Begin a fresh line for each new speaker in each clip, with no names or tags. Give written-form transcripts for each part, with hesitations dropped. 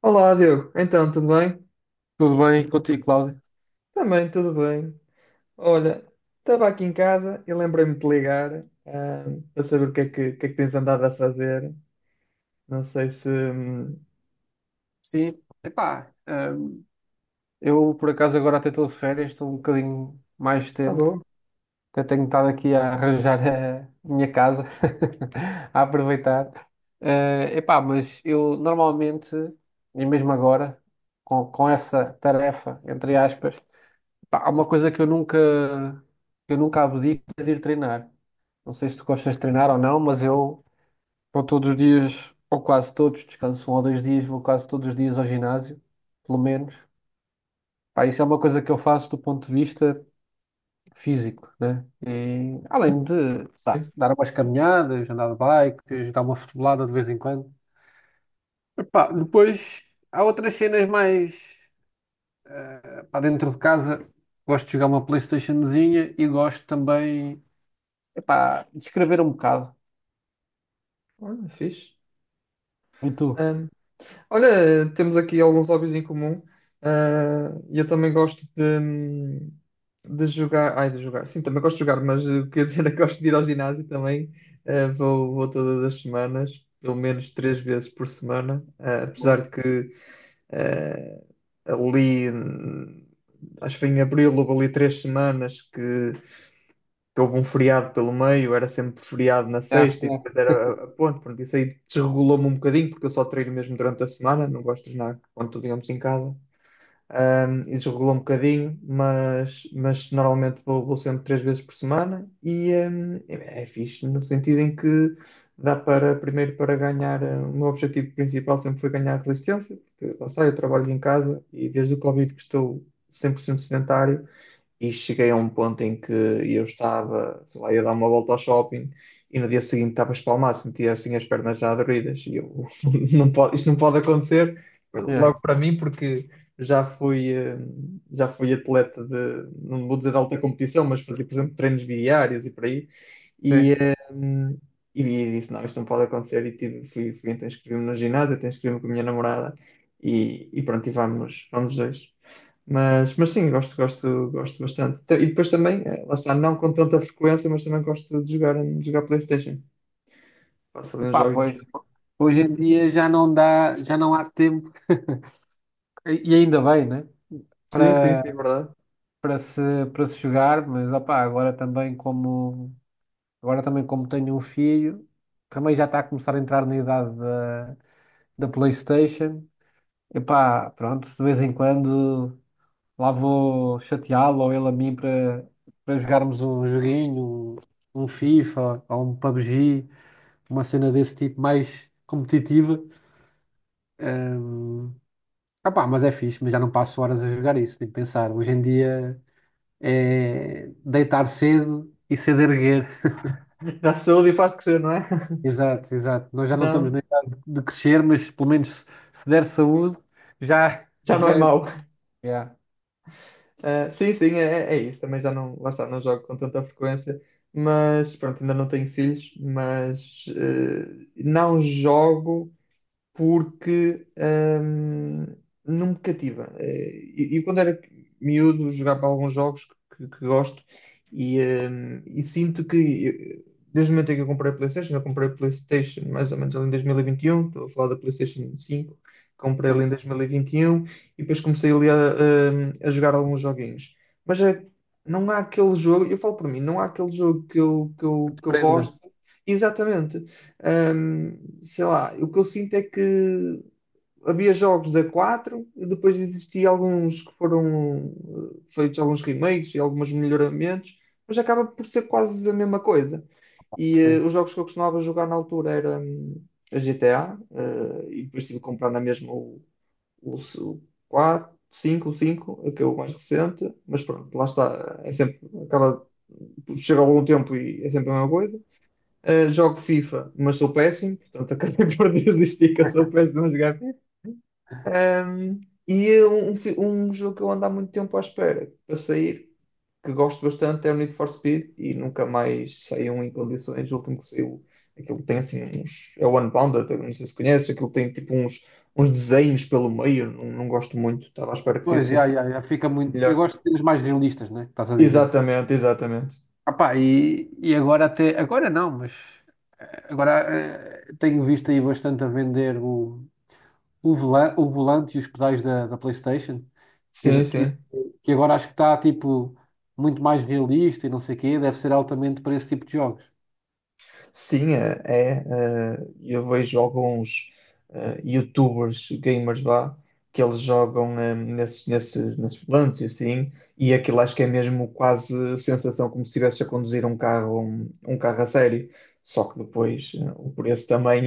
Olá, Diogo. Então, tudo bem?
Tudo bem contigo, Cláudio?
Também, tudo bem. Olha, estava aqui em casa e lembrei-me de te ligar, para saber o que é que tens andado a fazer. Não sei se.
Sim, epá, hum, eu por acaso agora até estou de férias, estou um bocadinho mais de
Ah,
tempo,
boa.
até tenho estado aqui a arranjar a minha casa, a aproveitar. Mas eu normalmente, e mesmo agora, com essa tarefa, entre aspas, epá, há uma coisa que eu nunca abdico é de ir treinar. Não sei se tu gostas de treinar ou não, mas eu vou todos os dias, ou quase todos, descanso um ou dois dias, vou quase todos os dias ao ginásio, pelo menos. Pá, isso é uma coisa que eu faço do ponto de vista físico, né? E, além de, pá,
Sim.
dar umas caminhadas, andar de bike, dar uma futebolada de vez em quando. Epá, depois há outras cenas mais dentro de casa. Gosto de jogar uma PlayStationzinha e gosto também, de escrever um bocado.
Olha, fixe.
E tu?
Olha, temos aqui alguns hobbies em comum. Ah, eu também gosto de jogar. Ai, de jogar. Sim, também gosto de jogar, mas quer dizer, é que gosto de ir ao ginásio também. Ah, vou todas as semanas, pelo menos três vezes por semana. Ah, apesar
Boa.
de que ali, acho que foi em abril, houve ali três semanas que houve um feriado pelo meio, era sempre feriado na
É,
sexta e depois era a ponte. Pronto, isso aí desregulou-me um bocadinho, porque eu só treino mesmo durante a semana, não gosto de treinar quando estou, digamos, em casa. E desregulou um bocadinho, mas normalmente vou sempre três vezes por semana e é fixe no sentido em que dá para, primeiro, para ganhar. O meu objetivo principal sempre foi ganhar resistência, porque lá está, eu trabalho em casa e desde o Covid que estou 100% sedentário e cheguei a um ponto em que eu estava, sei lá, ia dar uma volta ao shopping. E no dia seguinte estava espalmado, sentia assim as pernas já doloridas. E eu, não pode, isto não pode acontecer,
é, é.
logo para mim, porque já fui, eh, já fui atleta de, não vou dizer de alta competição, mas fazia, por exemplo, treinos bidiários e por aí. E,
Sim.
eh, e disse, não, isto não pode acontecer. E fui então inscrevi-me no ginásio, até inscrevi-me com a minha namorada. E pronto, e vamos dois. Mas sim, gosto, gosto, gosto bastante. Então, e depois também, lá está, não com tanta frequência, mas também gosto de jogar PlayStation. Faço ali uns
Pá,
jogos.
pois, hoje em dia já não dá, já não há tempo, e ainda bem, né?
Sim, sim,
Para,
sim, é verdade.
para se, para se jogar, mas opá, agora também como tenho um filho, também já está a começar a entrar da PlayStation. Epá, pronto, de vez em quando lá vou chateá-lo ou ele a mim para jogarmos um joguinho, um FIFA ou um PUBG, uma cena desse tipo mais competitiva. Ah pá, mas é fixe, mas já não passo horas a jogar isso, nem pensar. Hoje em dia é deitar cedo e cedo erguer.
Dá saúde e faz crescer, não é?
Exato, exato. Nós já não estamos
Não,
na idade de crescer, mas pelo menos se, se der saúde, já,
já não
já
é
é.
mau.
Yeah,
Ah, sim, sim, é isso. Também já não, lá está, não jogo com tanta frequência, mas pronto, ainda não tenho filhos, mas não jogo porque hum, não me cativa. E quando era miúdo, jogava alguns jogos que gosto e sinto que desde o momento em que eu comprei a PlayStation, eu comprei a PlayStation mais ou menos ali em 2021, estou a falar da PlayStation 5, comprei ali
sim.
em 2021 e 21 e depois comecei ali a jogar alguns joguinhos. Mas não há aquele jogo, eu falo por mim, não há aquele jogo que eu, que
Que
eu,
te
que eu
prenda.
gosto. Exatamente. Hum, Sei lá, o que eu sinto é que havia jogos da 4 e depois existia alguns que foram feitos alguns remakes e alguns melhoramentos, mas acaba por ser quase a mesma coisa. E
Sim.
os jogos que eu costumava jogar na altura era a GTA, e depois tive que comprar na mesma o 4, 5, o 5 que é o mais recente, mas pronto, lá está, é sempre, acaba, chega algum tempo e é sempre a mesma coisa. Jogo FIFA, mas sou péssimo, portanto acabei por desistir que eu sou péssimo a jogar FIFA. Um, e um jogo que eu ando há muito tempo à espera para sair, que gosto bastante, é o Need for Speed e nunca mais saiu em condições. O último que saiu, aquilo tem assim uns. É o Unbounded, eu não sei se conheces, aquilo tem tipo uns desenhos pelo meio, não, não gosto muito, estava à espera que
Pois,
saísse um
já, já, já fica muito. Eu
melhor.
gosto de cenas mais realistas, né? Estás a dizer.
Exatamente, exatamente.
Ah pá, e agora até. Agora não, mas. Agora tenho visto aí bastante a vender o volante e os pedais da PlayStation. Que,
Sim, sim.
que agora acho que está tipo muito mais realista e não sei o quê, deve ser altamente para esse tipo de jogos.
Sim, é. Eu vejo alguns YouTubers, gamers lá, que eles jogam nesses volantes e assim, e aquilo acho que é mesmo quase sensação como se estivesse a conduzir um carro, um carro a sério. Só que depois o preço também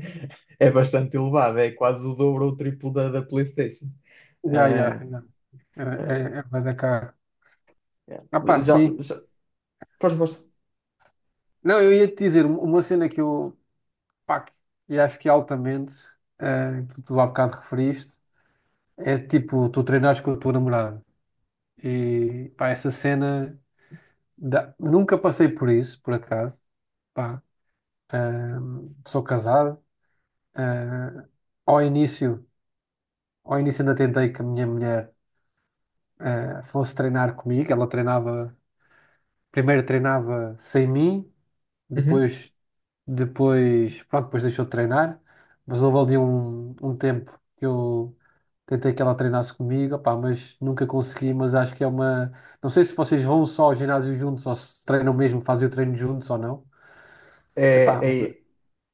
é bastante elevado, é quase o dobro ou o triplo da PlayStation.
Já, já,
Eh,
já. É,
eh,
é bué da caro.
yeah.
Ah, pá,
Já,
sim.
já, pois, pois.
Não, eu ia te dizer um- uma cena que eu, pá, que- e acho que é altamente, que tu há bocado referiste, é tipo, tu treinares com a tua namorada. E, pá, nunca passei por isso, por acaso, pá, sou casado. Ah, ao início, ao início ainda tentei com a minha mulher fosse treinar comigo. Ela treinava, primeiro treinava sem mim,
Uhum.
depois, pronto, depois deixou de treinar. Mas houve ali um tempo que eu tentei que ela treinasse comigo, opá, mas nunca consegui. Mas acho que é uma. Não sei se vocês vão só ao ginásio juntos ou se treinam mesmo, fazem o treino juntos ou não. Epá,
É,
mas.
é,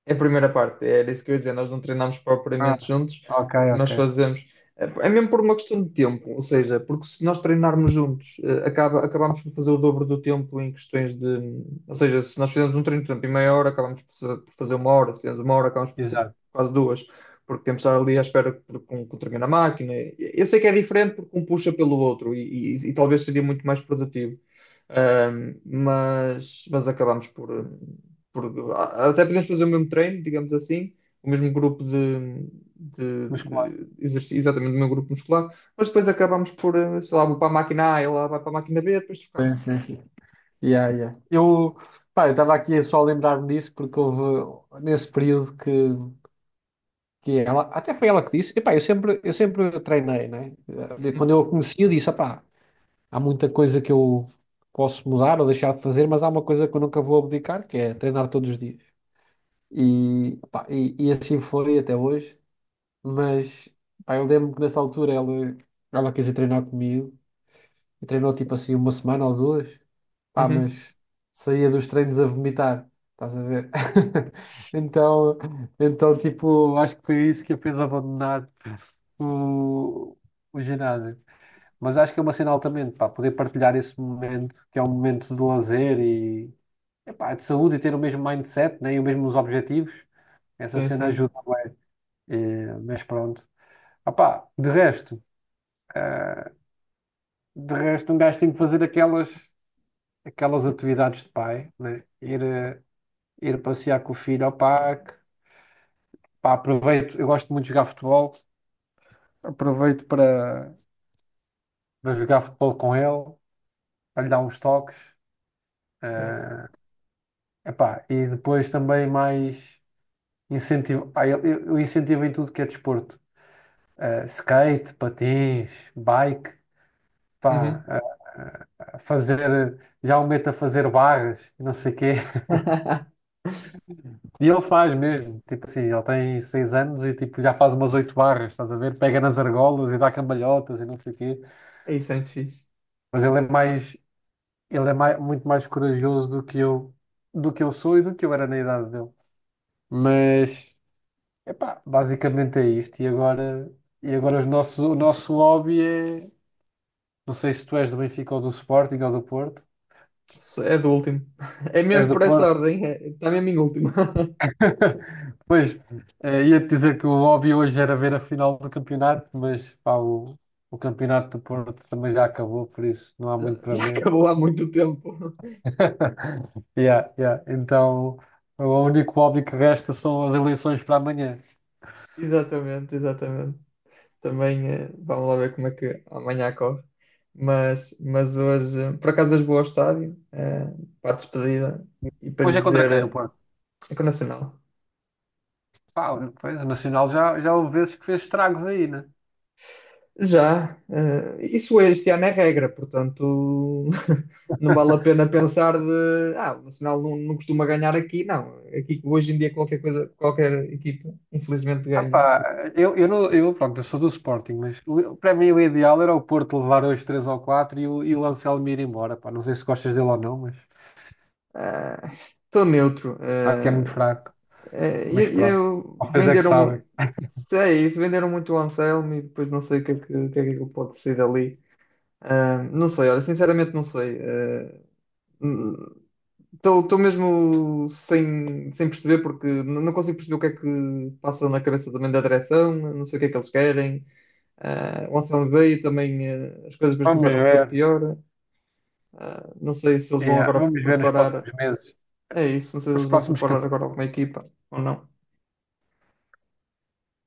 É a primeira parte, era isso que eu ia dizer. Nós não treinamos propriamente
Ah,
juntos.
ok,
O que nós
ok.
fazemos é mesmo por uma questão de tempo, ou seja, porque se nós treinarmos juntos, acabamos por fazer o dobro do tempo em questões de. Ou seja, se nós fizemos um treino, por exemplo, em meia hora, acabamos por fazer uma hora, se fizemos uma hora, acabamos por fazer
Exato.
quase duas, porque temos de estar ali à espera que, com o treino na máquina. Eu sei que é diferente porque um puxa pelo outro e talvez seria muito mais produtivo. Mas acabamos por, porque até podemos fazer o mesmo treino, digamos assim, o mesmo grupo de, de,
Mas claro.
de exercício, exatamente o mesmo grupo muscular, mas depois acabamos por, sei lá, vou para a máquina A, ela vai para a máquina B, depois trocamos.
Sim, sim, sim. Yeah, yeah. Eu, pá, eu estava aqui só a lembrar-me disso porque houve nesse período que ela, até foi ela que disse, epá, eu sempre treinei, né? De- Quando
Uhum,
eu a conheci, eu disse, epá, há muita coisa que eu posso mudar ou deixar de fazer, mas há uma coisa que eu nunca vou abdicar, que é treinar todos os dias. E, pá, e assim foi até hoje, mas epá, eu lembro que ela quis ir treinar comigo, e treinou tipo assim uma semana ou duas, pá,
uhum,
mas saía dos treinos a vomitar, estás a ver? Então, tipo, acho que foi isso que a fez abandonar o, o ginásio. Mas acho que é uma cena altamente, pá, poder partilhar esse momento, que é um momento de lazer e epá, de saúde e ter o mesmo mindset, né, e os mesmos objetivos. Essa
sim,
cena
sim.
ajuda. Eh, mas pronto. Ah, pá, eh, de resto, um gajo tem que fazer aquelas atividades de pai, né? Ir passear com o filho ao parque. Pá, aproveito, eu gosto muito de jogar futebol, aproveito para jogar futebol com ele, para lhe dar uns toques. eh,
Yeah.
Epá, e depois também mais incentivo. Pá, eu incentivo em tudo que é desporto. Eh, skate, patins, bike, pá,
Uhum.
eh, fazer. Já o meto a fazer barras, não sei o quê. E ele faz mesmo. Tipo assim, ele tem 6 anos e tipo, já faz umas 8 barras, estás a ver? Pega nas argolas e dá cambalhotas e não sei o quê.
É isso, é muito fixe.
Mas ele é mais. Muito mais corajoso do que eu sou e do que eu era na idade dele. Mas. Epá, basicamente é isto. E agora os nossos, o nosso lobby é. Não sei se tu és do Benfica ou do Sporting ou do Porto.
Isso é do último. É mesmo
És do
por essa
Porto?
ordem, é, está mesmo em último.
Pois, ia-te dizer que o hobby hoje era ver a final do campeonato, mas pá, o campeonato do Porto também já acabou, por isso não há
Já,
muito para
já
ver.
acabou há muito tempo.
Yeah, yeah. Então, o único hobby que resta são as eleições para amanhã.
Exatamente, exatamente. Também vamos lá ver como é que amanhã corre. Mas hoje, por acaso, hoje vou ao estádio para a despedida e para lhes
Hoje é contra
dizer
quem o Porto?
é com o Nacional.
Pá, pois, o Nacional já, já houve vezes que fez estragos aí, né?
Já, isso este ano é regra, portanto não vale a pena pensar de ah, o Nacional não costuma ganhar aqui, não. Aqui hoje em dia qualquer coisa, qualquer equipa, infelizmente,
Ah
ganha.
pá, eu, não, eu, pronto, eu sou do Sporting, mas o- para mim o ideal era o Porto levar hoje 3 ou 4 e o Anselmo ir embora. Pá, não sei se gostas dele ou não, mas
Eh, Estou neutro.
acho que é muito fraco.
É,
Mas
e, e eu,
pronto, vocês é que
venderam,
sabem.
é isso, venderam muito o Anselmo e depois não sei o que é que, é que ele pode ser dali. Ah, não sei, olha, sinceramente não sei. Estou mesmo sem perceber porque não consigo perceber o que é que passa na cabeça também da direção, não sei o que é que eles querem. Ah, o Anselmo veio também, as coisas depois
Vamos
começaram a correr
ver.
pior. Ah, não sei se eles vão
Yeah,
agora
vamos ver nos próximos
preparar,
meses,
é isso, não sei se
nos
eles vão
próximos
preparar agora
capítulos.
alguma equipa ou não.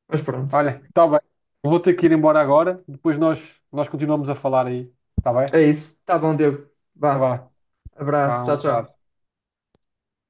Mas pronto.
Olha, está bem. Eu vou ter que ir embora agora, nós continuamos a falar aí. Está bem?
É isso. Tá bom, Diego.
Tá,
Vá.
vá,
Abraço.
vá, um
Tchau, tchau.
abraço.